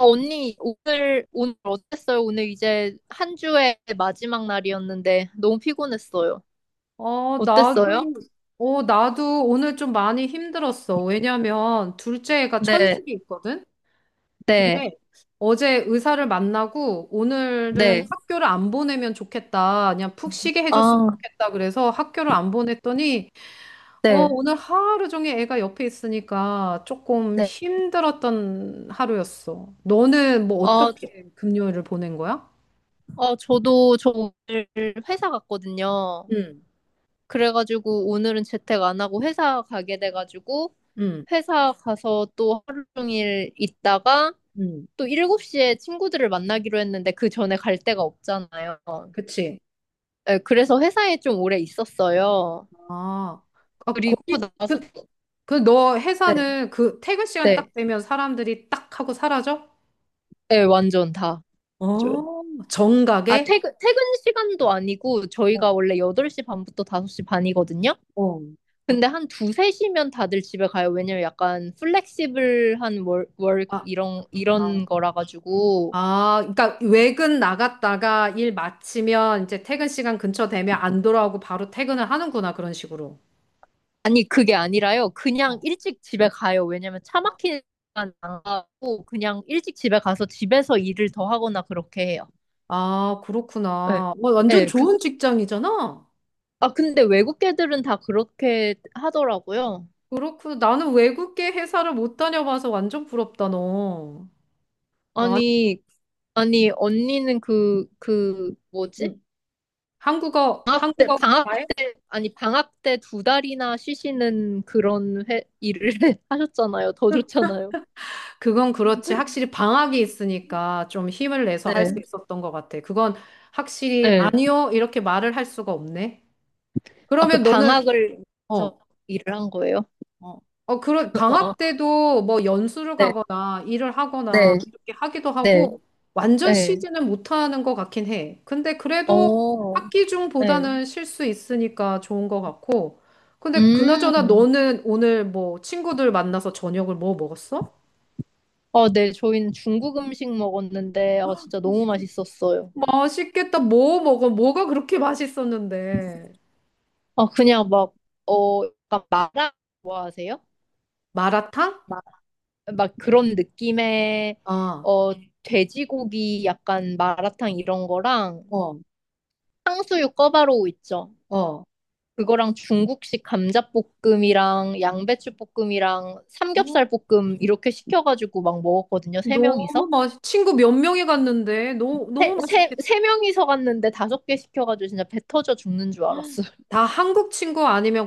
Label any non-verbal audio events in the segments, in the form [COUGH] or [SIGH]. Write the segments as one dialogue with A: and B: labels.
A: 언니, 오늘 어땠어요? 오늘 이제 한 주의 마지막 날이었는데 너무 피곤했어요.
B: 어, 나도,
A: 어땠어요?
B: 나도 오늘 좀 많이 힘들었어. 왜냐면 둘째 애가
A: 네,
B: 천식이 있거든?
A: 네,
B: 근데 어제 의사를 만나고 오늘은
A: 네.
B: 학교를 안 보내면 좋겠다. 그냥 푹 쉬게 해줬으면
A: 아,
B: 좋겠다. 그래서 학교를 안 보냈더니,
A: 네,
B: 오늘 하루 종일 애가 옆에 있으니까 조금
A: 네.
B: 힘들었던 하루였어. 너는 뭐
A: 아, 저-
B: 어떻게 금요일을 보낸 거야?
A: 아, 저도 오늘 회사 갔거든요.
B: 응.
A: 그래가지고 오늘은 재택 안 하고 회사 가게 돼가지고
B: 응.
A: 회사 가서 또 하루 종일 있다가
B: 응.
A: 또 7시에 친구들을 만나기로 했는데 그 전에 갈 데가 없잖아요.
B: 그치.
A: 네, 그래서 회사에 좀 오래 있었어요.
B: 아, 아,
A: 그리고 나서
B: 그- 그 너
A: 네.
B: 회사는 그 퇴근 시간
A: 네,
B: 딱 되면 사람들이 딱 하고 사라져?
A: 네, 완전 다 맞아요.
B: 어,
A: 아,
B: 정각에?
A: 퇴근 시간도 아니고
B: 어.
A: 저희가 원래 8시 반부터 5시 반이거든요.
B: 어.
A: 근데 한 2, 3시면 다들 집에 가요. 왜냐면 약간 플렉시블한 월
B: 아,
A: 이런
B: 아,
A: 이런 거라 가지고
B: 아, 그러니까 외근 나갔다가 일 마치면 이제 퇴근 시간 근처 되면 안 돌아오고 바로 퇴근을 하는구나, 그런 식으로.
A: 아니 그게 아니라요. 그냥
B: 어.
A: 일찍 집에 가요. 왜냐면 차 막히는 시간 안 가고 그냥 일찍 집에 가서 집에서 일을 더 하거나 그렇게 해요.
B: 아,
A: 네.
B: 그렇구나. 뭐 완전
A: 네,
B: 좋은 직장이잖아.
A: 아 근데 외국 애들은 다 그렇게 하더라고요.
B: 그렇구나. 나는 외국계 회사를 못 다녀봐서 완전 부럽다, 너. 와,
A: 아니, 아니, 언니는 뭐지?
B: 응. 한국어,
A: 방학 때,
B: 한국어
A: 방학, 아니, 방학 때 두 달이나 쉬시는 그런 일을 [LAUGHS] 하셨잖아요. 더 좋잖아요.
B: 그건 그렇지. 확실히 방학이 있으니까 좀 힘을 내서 할 수
A: 네.
B: 있었던 것 같아. 그건 확실히
A: 네.
B: 아니요. 이렇게 말을 할 수가 없네.
A: 아, 그
B: 그러면 너는,
A: 방학을 해서
B: 어,
A: 일을 한 거예요?
B: 어, 그런
A: [LAUGHS] 어,
B: 방학 때도 뭐 연수를
A: 네,
B: 가거나 일을 하거나
A: 네,
B: 이렇게 하기도
A: 네,
B: 하고 완전
A: 네.
B: 쉬지는 못하는 것 같긴 해. 근데 그래도
A: 어,
B: 학기
A: 네.
B: 중보다는 쉴 수 있으니까 좋은 것 같고. 근데 그나저나
A: 음.
B: 너는 오늘 뭐 친구들 만나서 저녁을 뭐 먹었어?
A: 아, 네. 저희는 중국 음식 먹었는데, 아, 진짜 너무 맛있었어요.
B: 맛있겠다. 뭐 먹어? 뭐가 그렇게 맛있었는데?
A: 아, 그냥 막, 어, 약간 마라 좋아하세요?
B: 마라탕?
A: 막 그런 느낌의
B: 아.
A: 어 돼지고기 약간 마라탕 이런 거랑
B: 어.
A: 탕수육 꿔바로우 있죠.
B: 어.
A: 그거랑 중국식 감자볶음이랑 양배추볶음이랑 삼겹살 볶음 이렇게 시켜가지고 막 먹었거든요. 세 명이서.
B: 친구 몇 명이 갔는데, 너무,
A: 세,
B: 너무
A: 세,
B: 맛있겠다.
A: 세 명이서 갔는데 다섯 개 시켜가지고 진짜 배 터져 죽는 줄 알았어요.
B: 다 한국 친구 아니면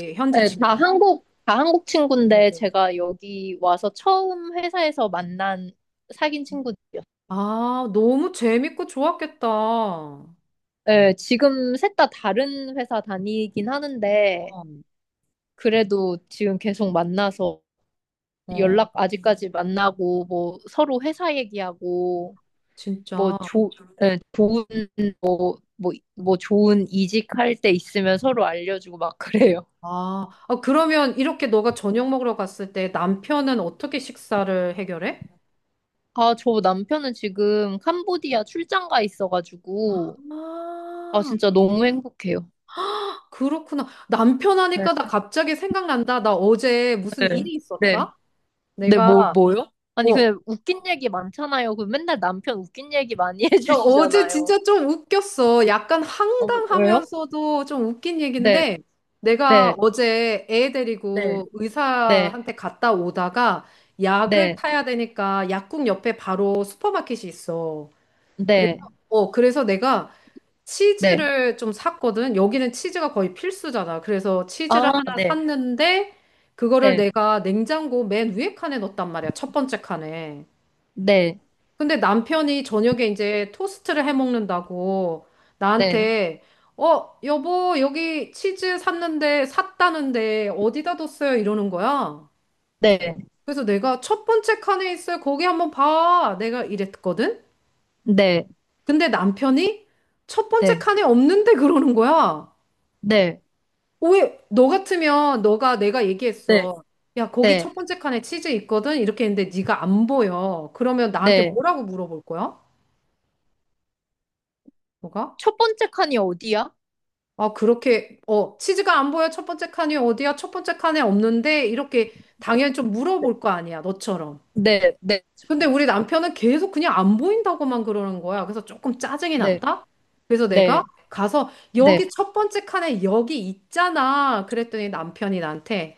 A: [LAUGHS]
B: 현지
A: 네,
B: 친구.
A: 다 한국 친구인데
B: 친구들.
A: 제가 여기 와서 처음 회사에서 만난 사귄 친구들이요. 었어
B: 아, 너무 재밌고 좋았겠다. 어.
A: 네, 지금 셋 다 다른 회사 다니긴 하는데, 그래도 지금 계속 만나서
B: 어.
A: 연락 아직까지 만나고, 뭐 서로 회사 얘기하고, 뭐
B: 진짜.
A: 조, 네, 뭐 좋은 이직할 때 있으면 서로 알려주고 막 그래요.
B: 아, 아, 그러면 이렇게 너가 저녁 먹으러 갔을 때 남편은 어떻게 식사를 해결해?
A: 아, 저 남편은 지금 캄보디아 출장 가 있어가지고, 아,
B: 아,
A: 진짜 너무 행복해요.
B: 그렇구나. 남편 하니까 나 갑자기 생각난다. 나 어제 무슨
A: 네.
B: 일이
A: 네.
B: 있었다?
A: 네, 뭐,
B: 내가,
A: 뭐요? 아니,
B: 어,
A: 그냥 웃긴 얘기 많잖아요. 그 맨날 남편 웃긴 얘기 많이 [LAUGHS]
B: 나 어제
A: 해주시잖아요.
B: 진짜 좀 웃겼어. 약간
A: 어, 왜요?
B: 황당하면서도 좀 웃긴
A: 네,
B: 얘긴데, 내가
A: 네,
B: 어제 애
A: 네,
B: 데리고
A: 네,
B: 의사한테 갔다 오다가 약을
A: 네,
B: 타야 되니까 약국 옆에 바로 슈퍼마켓이 있어. 그래,
A: 네,
B: 그래서 내가
A: 네.
B: 치즈를 좀 샀거든. 여기는 치즈가 거의 필수잖아. 그래서 치즈를
A: 아,
B: 하나
A: 네,
B: 샀는데 그거를
A: 네,
B: 내가 냉장고 맨 위에 칸에 넣었단 말이야. 첫 번째 칸에.
A: 네,
B: 근데 남편이 저녁에 이제 토스트를 해 먹는다고
A: 네,
B: 나한테 여보, 여기 치즈 샀는데 샀다는데 어디다 뒀어요? 이러는 거야.
A: 네,
B: 그래서 내가 첫 번째 칸에 있어요. 거기 한번 봐. 내가 이랬거든.
A: 네,
B: 근데 남편이 첫 번째
A: 네,
B: 칸에 없는데 그러는 거야.
A: 네,
B: 왜, 너 같으면 너가 내가
A: 네,
B: 얘기했어. 야, 거기
A: 네,
B: 첫 번째 칸에 치즈 있거든? 이렇게 했는데 네가 안 보여. 그러면 나한테
A: 네.
B: 뭐라고 물어볼 거야? 너가?
A: 첫 번째 칸이 어디야?
B: 아, 그렇게, 치즈가 안 보여. 첫 번째 칸이 어디야? 첫 번째 칸에 없는데? 이렇게 당연히 좀
A: 네,
B: 물어볼 거 아니야, 너처럼.
A: 네, 네,
B: 근데 우리 남편은 계속 그냥 안 보인다고만 그러는 거야. 그래서 조금 짜증이
A: 네,
B: 났다? 그래서 내가
A: 네,
B: 가서
A: 네,
B: 여기 첫 번째 칸에 여기 있잖아. 그랬더니 남편이 나한테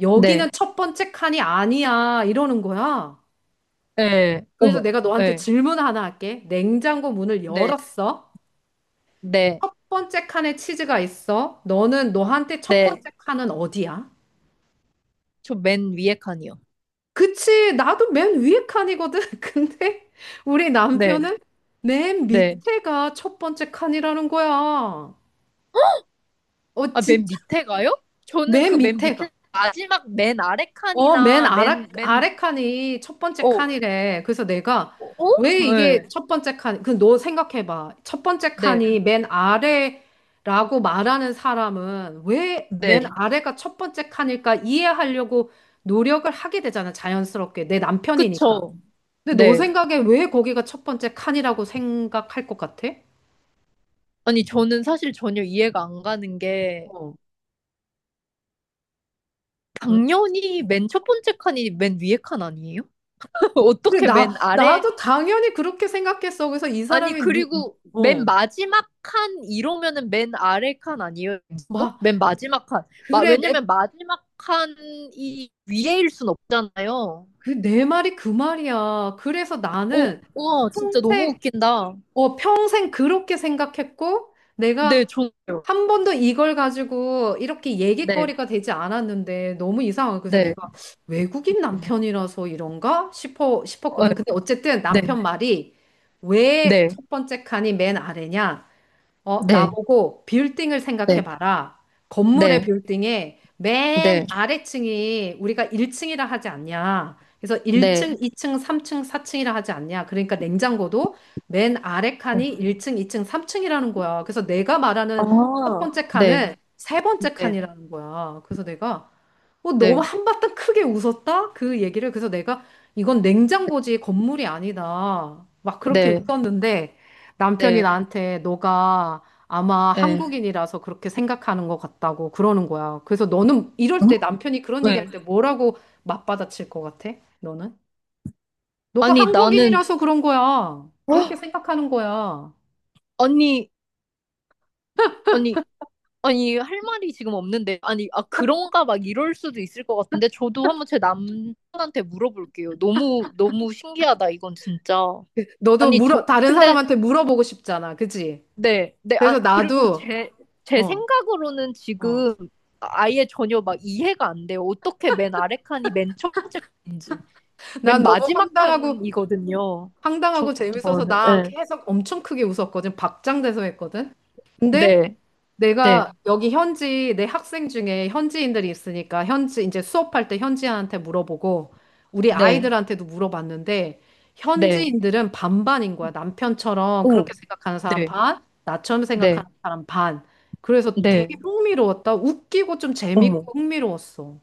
B: 여기는
A: 네,
B: 첫 번째 칸이 아니야. 이러는 거야.
A: 네,
B: 그래서
A: 어머,
B: 내가 너한테
A: 네,
B: 질문 하나 할게. 냉장고 문을
A: 네,
B: 열었어.
A: 네,
B: 첫 번째 칸에 치즈가 있어. 너는 너한테 첫
A: 네.
B: 번째 칸은 어디야?
A: 저 맨 위에 칸이요.
B: 그치, 나도 맨 위에 칸이거든. [LAUGHS] 근데 우리
A: 네,
B: 남편은 맨
A: 네.
B: 밑에가 첫 번째 칸이라는 거야. 어,
A: 아, 맨
B: 진짜?
A: 밑에 가요? 저는 그
B: 맨
A: 맨
B: 밑에가.
A: 밑에 마지막 맨 아래
B: 맨
A: 칸이나
B: 아래,
A: 맨, 맨,
B: 아래 칸이 첫 번째
A: 어,
B: 칸이래. 그래서 내가
A: 어?
B: 왜 이게
A: 네,
B: 첫 번째 칸, 그 너 생각해봐. 첫 번째
A: 네,
B: 칸이 맨 아래라고 말하는 사람은 왜 맨
A: 네.
B: 아래가 첫 번째 칸일까 이해하려고 노력을 하게 되잖아, 자연스럽게. 내 남편이니까.
A: 그쵸.
B: 근데 너
A: 네.
B: 생각에 왜 거기가 첫 번째 칸이라고 생각할 것 같아?
A: 아니, 저는 사실 전혀 이해가 안 가는 게,
B: 어. 응?
A: 당연히 맨 첫 번째 칸이 맨 위에 칸 아니에요? [LAUGHS]
B: 그래,
A: 어떻게 맨
B: 나,
A: 아래?
B: 나도 당연히 그렇게 생각했어. 그래서 이
A: 아니,
B: 사람이,
A: 그리고
B: 어,
A: 맨 마지막 칸 이러면은 맨 아래 칸 아니에요? 어?
B: 막,
A: 맨 마지막 칸.
B: 그래, 내,
A: 왜냐면 마지막 칸이 위에일 순 없잖아요.
B: 내 말이 그 말이야. 그래서
A: 오,
B: 나는
A: 우와, 진짜 너무
B: 평생,
A: 웃긴다.
B: 평생 그렇게 생각했고,
A: 네,
B: 내가
A: 좋네요.
B: 한 번도 이걸 가지고 이렇게
A: 네,
B: 얘기거리가 되지 않았는데 너무 이상하고 그래서
A: 네,
B: 내가 외국인 남편이라서 이런가 싶어
A: 어,
B: 싶었거든. 근데 어쨌든
A: 네,
B: 남편 말이 왜
A: 네,
B: 첫 번째 칸이 맨 아래냐?
A: 네,
B: 나보고 빌딩을
A: 네,
B: 생각해봐라. 건물의
A: 네,
B: 빌딩에 맨
A: 네,
B: 아래층이 우리가 1층이라 하지 않냐. 그래서
A: 네,
B: 1층, 2층, 3층, 4층이라 하지 않냐. 그러니까 냉장고도 맨 아래 칸이 1층, 2층, 3층이라는 거야. 그래서 내가 말하는 첫
A: 아,
B: 번째
A: 네,
B: 칸은 세 번째
A: 네,
B: 칸이라는 거야. 그래서 내가, 너무
A: 네,
B: 한바탕 크게 웃었다? 그 얘기를. 그래서 내가 이건 냉장고지 건물이 아니다. 막 그렇게
A: 네,
B: 웃었는데 남편이
A: 네,
B: 나한테 너가 아마
A: 네,
B: 한국인이라서 그렇게 생각하는 것 같다고 그러는 거야. 그래서 너는 이럴
A: 응?
B: 때 남편이 그런
A: 네.
B: 얘기할 때 뭐라고 맞받아칠 것 같아? 너는? 너가
A: 아니, 나는,
B: 한국인이라서 그런 거야.
A: 헉!
B: 그렇게 생각하는 거야.
A: 아니, 아니, 아니, 할 말이 지금 없는데, 아니, 아, 그런가 막 이럴 수도 있을 것 같은데, 저도 한번 제 남편한테 물어볼게요. 너무, 너무 신기하다, 이건 진짜.
B: 너도
A: 아니,
B: 물어,
A: 저,
B: 다른
A: 근데
B: 사람한테 물어보고 싶잖아. 그지?
A: 네, 네, 아,
B: 그래서
A: 그리고
B: 나도.
A: 제
B: 어.
A: 생각으로는
B: 어.
A: 지금 아예 전혀 막 이해가 안 돼요. 어떻게 맨 아래 칸이 맨 첫 번째 칸인지. 맨
B: 난 너무
A: 마지막
B: 황당하고
A: 칸이거든요. 저-
B: 황당하고 재밌어서
A: 저는,
B: 나
A: 네,
B: 계속 엄청 크게 웃었거든. 박장대소 했거든. 근데
A: 네, 네,
B: 내가 여기 현지 내 학생 중에 현지인들이 있으니까 현지 이제 수업할 때 현지인한테 물어보고 우리
A: 네,
B: 아이들한테도 물어봤는데
A: 네,
B: 현지인들은 반반인 거야. 남편처럼
A: 오,
B: 그렇게 생각하는 사람
A: 네,
B: 반, 나처럼 생각하는
A: 네,
B: 사람 반. 그래서
A: 네,
B: 되게 흥미로웠다. 웃기고 좀
A: 어머.
B: 재밌고 흥미로웠어.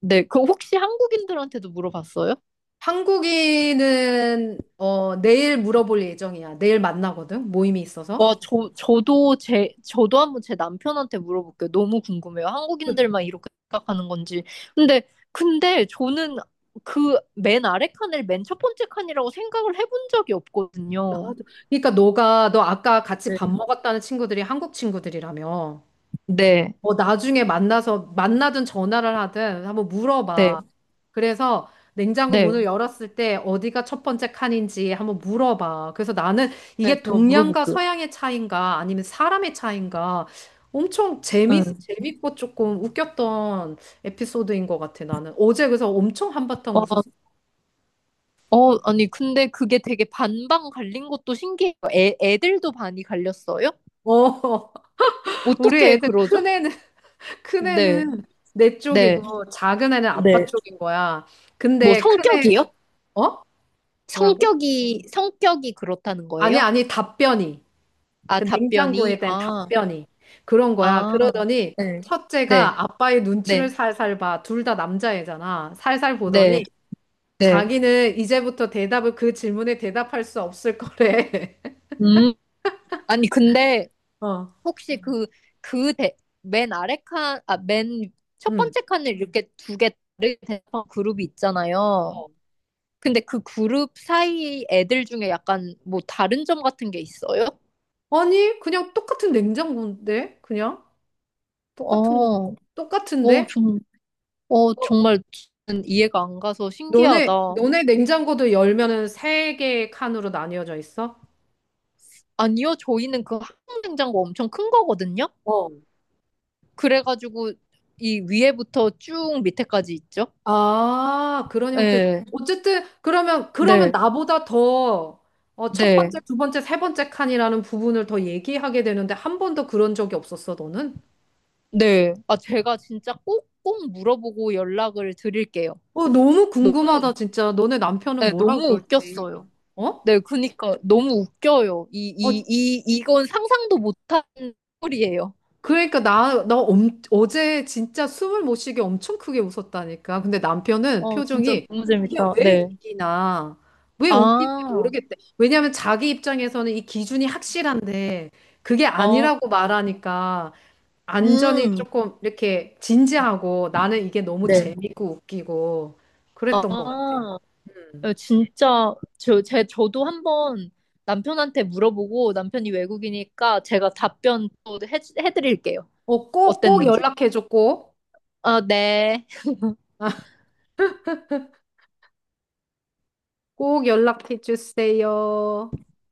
A: 네, 그 혹시 한국인들한테도 물어봤어요?
B: 한국인은 내일 물어볼 예정이야. 내일 만나거든. 모임이
A: 와,
B: 있어서.
A: 저도 한번 제 남편한테 물어볼게요. 너무 궁금해요. 한국인들만 이렇게 생각하는 건지. 근데, 근데 저는 그 맨 아래 칸을 맨 첫 번째 칸이라고 생각을 해본 적이
B: 아,
A: 없거든요.
B: 그러니까 너가 너 아까 같이
A: 네.
B: 밥 먹었다는 친구들이 한국 친구들이라며.
A: 네,
B: 뭐 나중에 만나서 만나든 전화를 하든 한번
A: 네,
B: 물어봐. 그래서 냉장고
A: 네.
B: 문을 열었을 때 어디가 첫 번째 칸인지 한번 물어봐. 그래서 나는
A: 네,
B: 이게
A: 제가
B: 동양과
A: 물어볼게요.
B: 서양의 차이인가 아니면 사람의 차이인가 엄청 재미
A: 네.
B: 재밌고 조금 웃겼던 에피소드인 것 같아 나는. 어제 그래서 엄청 한바탕
A: 어,
B: 웃었어.
A: 어, 아니, 근데 그게 되게 반반 갈린 것도 신기해요. 애들도 반이 갈렸어요?
B: 어, [LAUGHS] 우리
A: 어떻게
B: 애들
A: 그러죠?
B: 큰 애는
A: 네,
B: 큰애는 내
A: 네,
B: 쪽이고 작은 애는 아빠
A: 네.
B: 쪽인 거야.
A: 뭐
B: 근데 큰애.
A: 성격이요?
B: 어? 뭐라고?
A: 성격이 그렇다는
B: 아니,
A: 거예요?
B: 아니, 답변이
A: 아,
B: 그 냉장고에 대한
A: 아,
B: 답변이 그런 거야.
A: 아,
B: 그러더니
A: 네, 네,
B: 첫째가 아빠의 눈치를
A: 네,
B: 살살 봐. 둘 다 남자애잖아. 살살
A: 네,
B: 보더니
A: 네.
B: 자기는 이제부터 대답을 그 질문에 대답할 수 없을 거래.
A: 음, 아니, 근데
B: [LAUGHS] 어.
A: 혹시 그 맨 아래 칸, 아, 맨 첫
B: 음.
A: 번째 칸을 이렇게 두 개 다르게 된 그룹이 있잖아요. 근데 그 그룹 사이 애들 중에 약간 뭐 다른 점 같은 게 있어요?
B: 아니, 그냥 똑같은 냉장고인데 그냥 똑같은 거
A: 어, 어,
B: 똑같은데?
A: 좀, 어,
B: 어,
A: 정말 저는 이해가 안 가서
B: 너네,
A: 신기하다.
B: 너네 냉장고도 열면은 세 개의 칸으로 나뉘어져 있어?
A: 아니요, 저희는 그 항공 냉장고 엄청 큰 거거든요.
B: 어.
A: 그래가지고 이 위에부터 쭉 밑에까지 있죠.
B: 아, 그런 형태.
A: 네,
B: 어쨌든, 그러면
A: 네,
B: 나보다 더, 첫
A: 네,
B: 번째, 두 번째, 세 번째 칸이라는 부분을 더 얘기하게 되는데, 한 번도 그런 적이 없었어, 너는?
A: 네. 아, 제가 진짜 꼭꼭 물어보고 연락을 드릴게요.
B: 너무
A: 너무,
B: 궁금하다, 진짜. 너네 남편은
A: 네,
B: 뭐라
A: 너무
B: 그럴지.
A: 웃겼어요.
B: 어?
A: 네, 그니까 너무 웃겨요. 이,
B: 어,
A: 이, 이, 이건 상상도 못한 소리예요.
B: 그러니까 어제 진짜 숨을 못 쉬게 엄청 크게 웃었다니까. 근데 남편은
A: 어, 진짜
B: 표정이
A: 너무
B: 이게
A: 재밌다.
B: 왜
A: 네.
B: 웃기나, 왜 웃긴지
A: 아,
B: 모르겠대. 왜냐하면 자기 입장에서는 이 기준이 확실한데 그게
A: 어,
B: 아니라고 말하니까 안전이
A: 음,
B: 조금 이렇게 진지하고 나는 이게 너무
A: 네.
B: 재밌고 웃기고 그랬던 것 같아.
A: 아. 예, 진짜 저도 한번 남편한테 물어보고 남편이 외국이니까 제가 답변 또 해드릴게요.
B: 꼭, 꼭
A: 어땠는지.
B: 연락해줘, 꼭.
A: 아, 네.
B: 꼭 연락해주세요.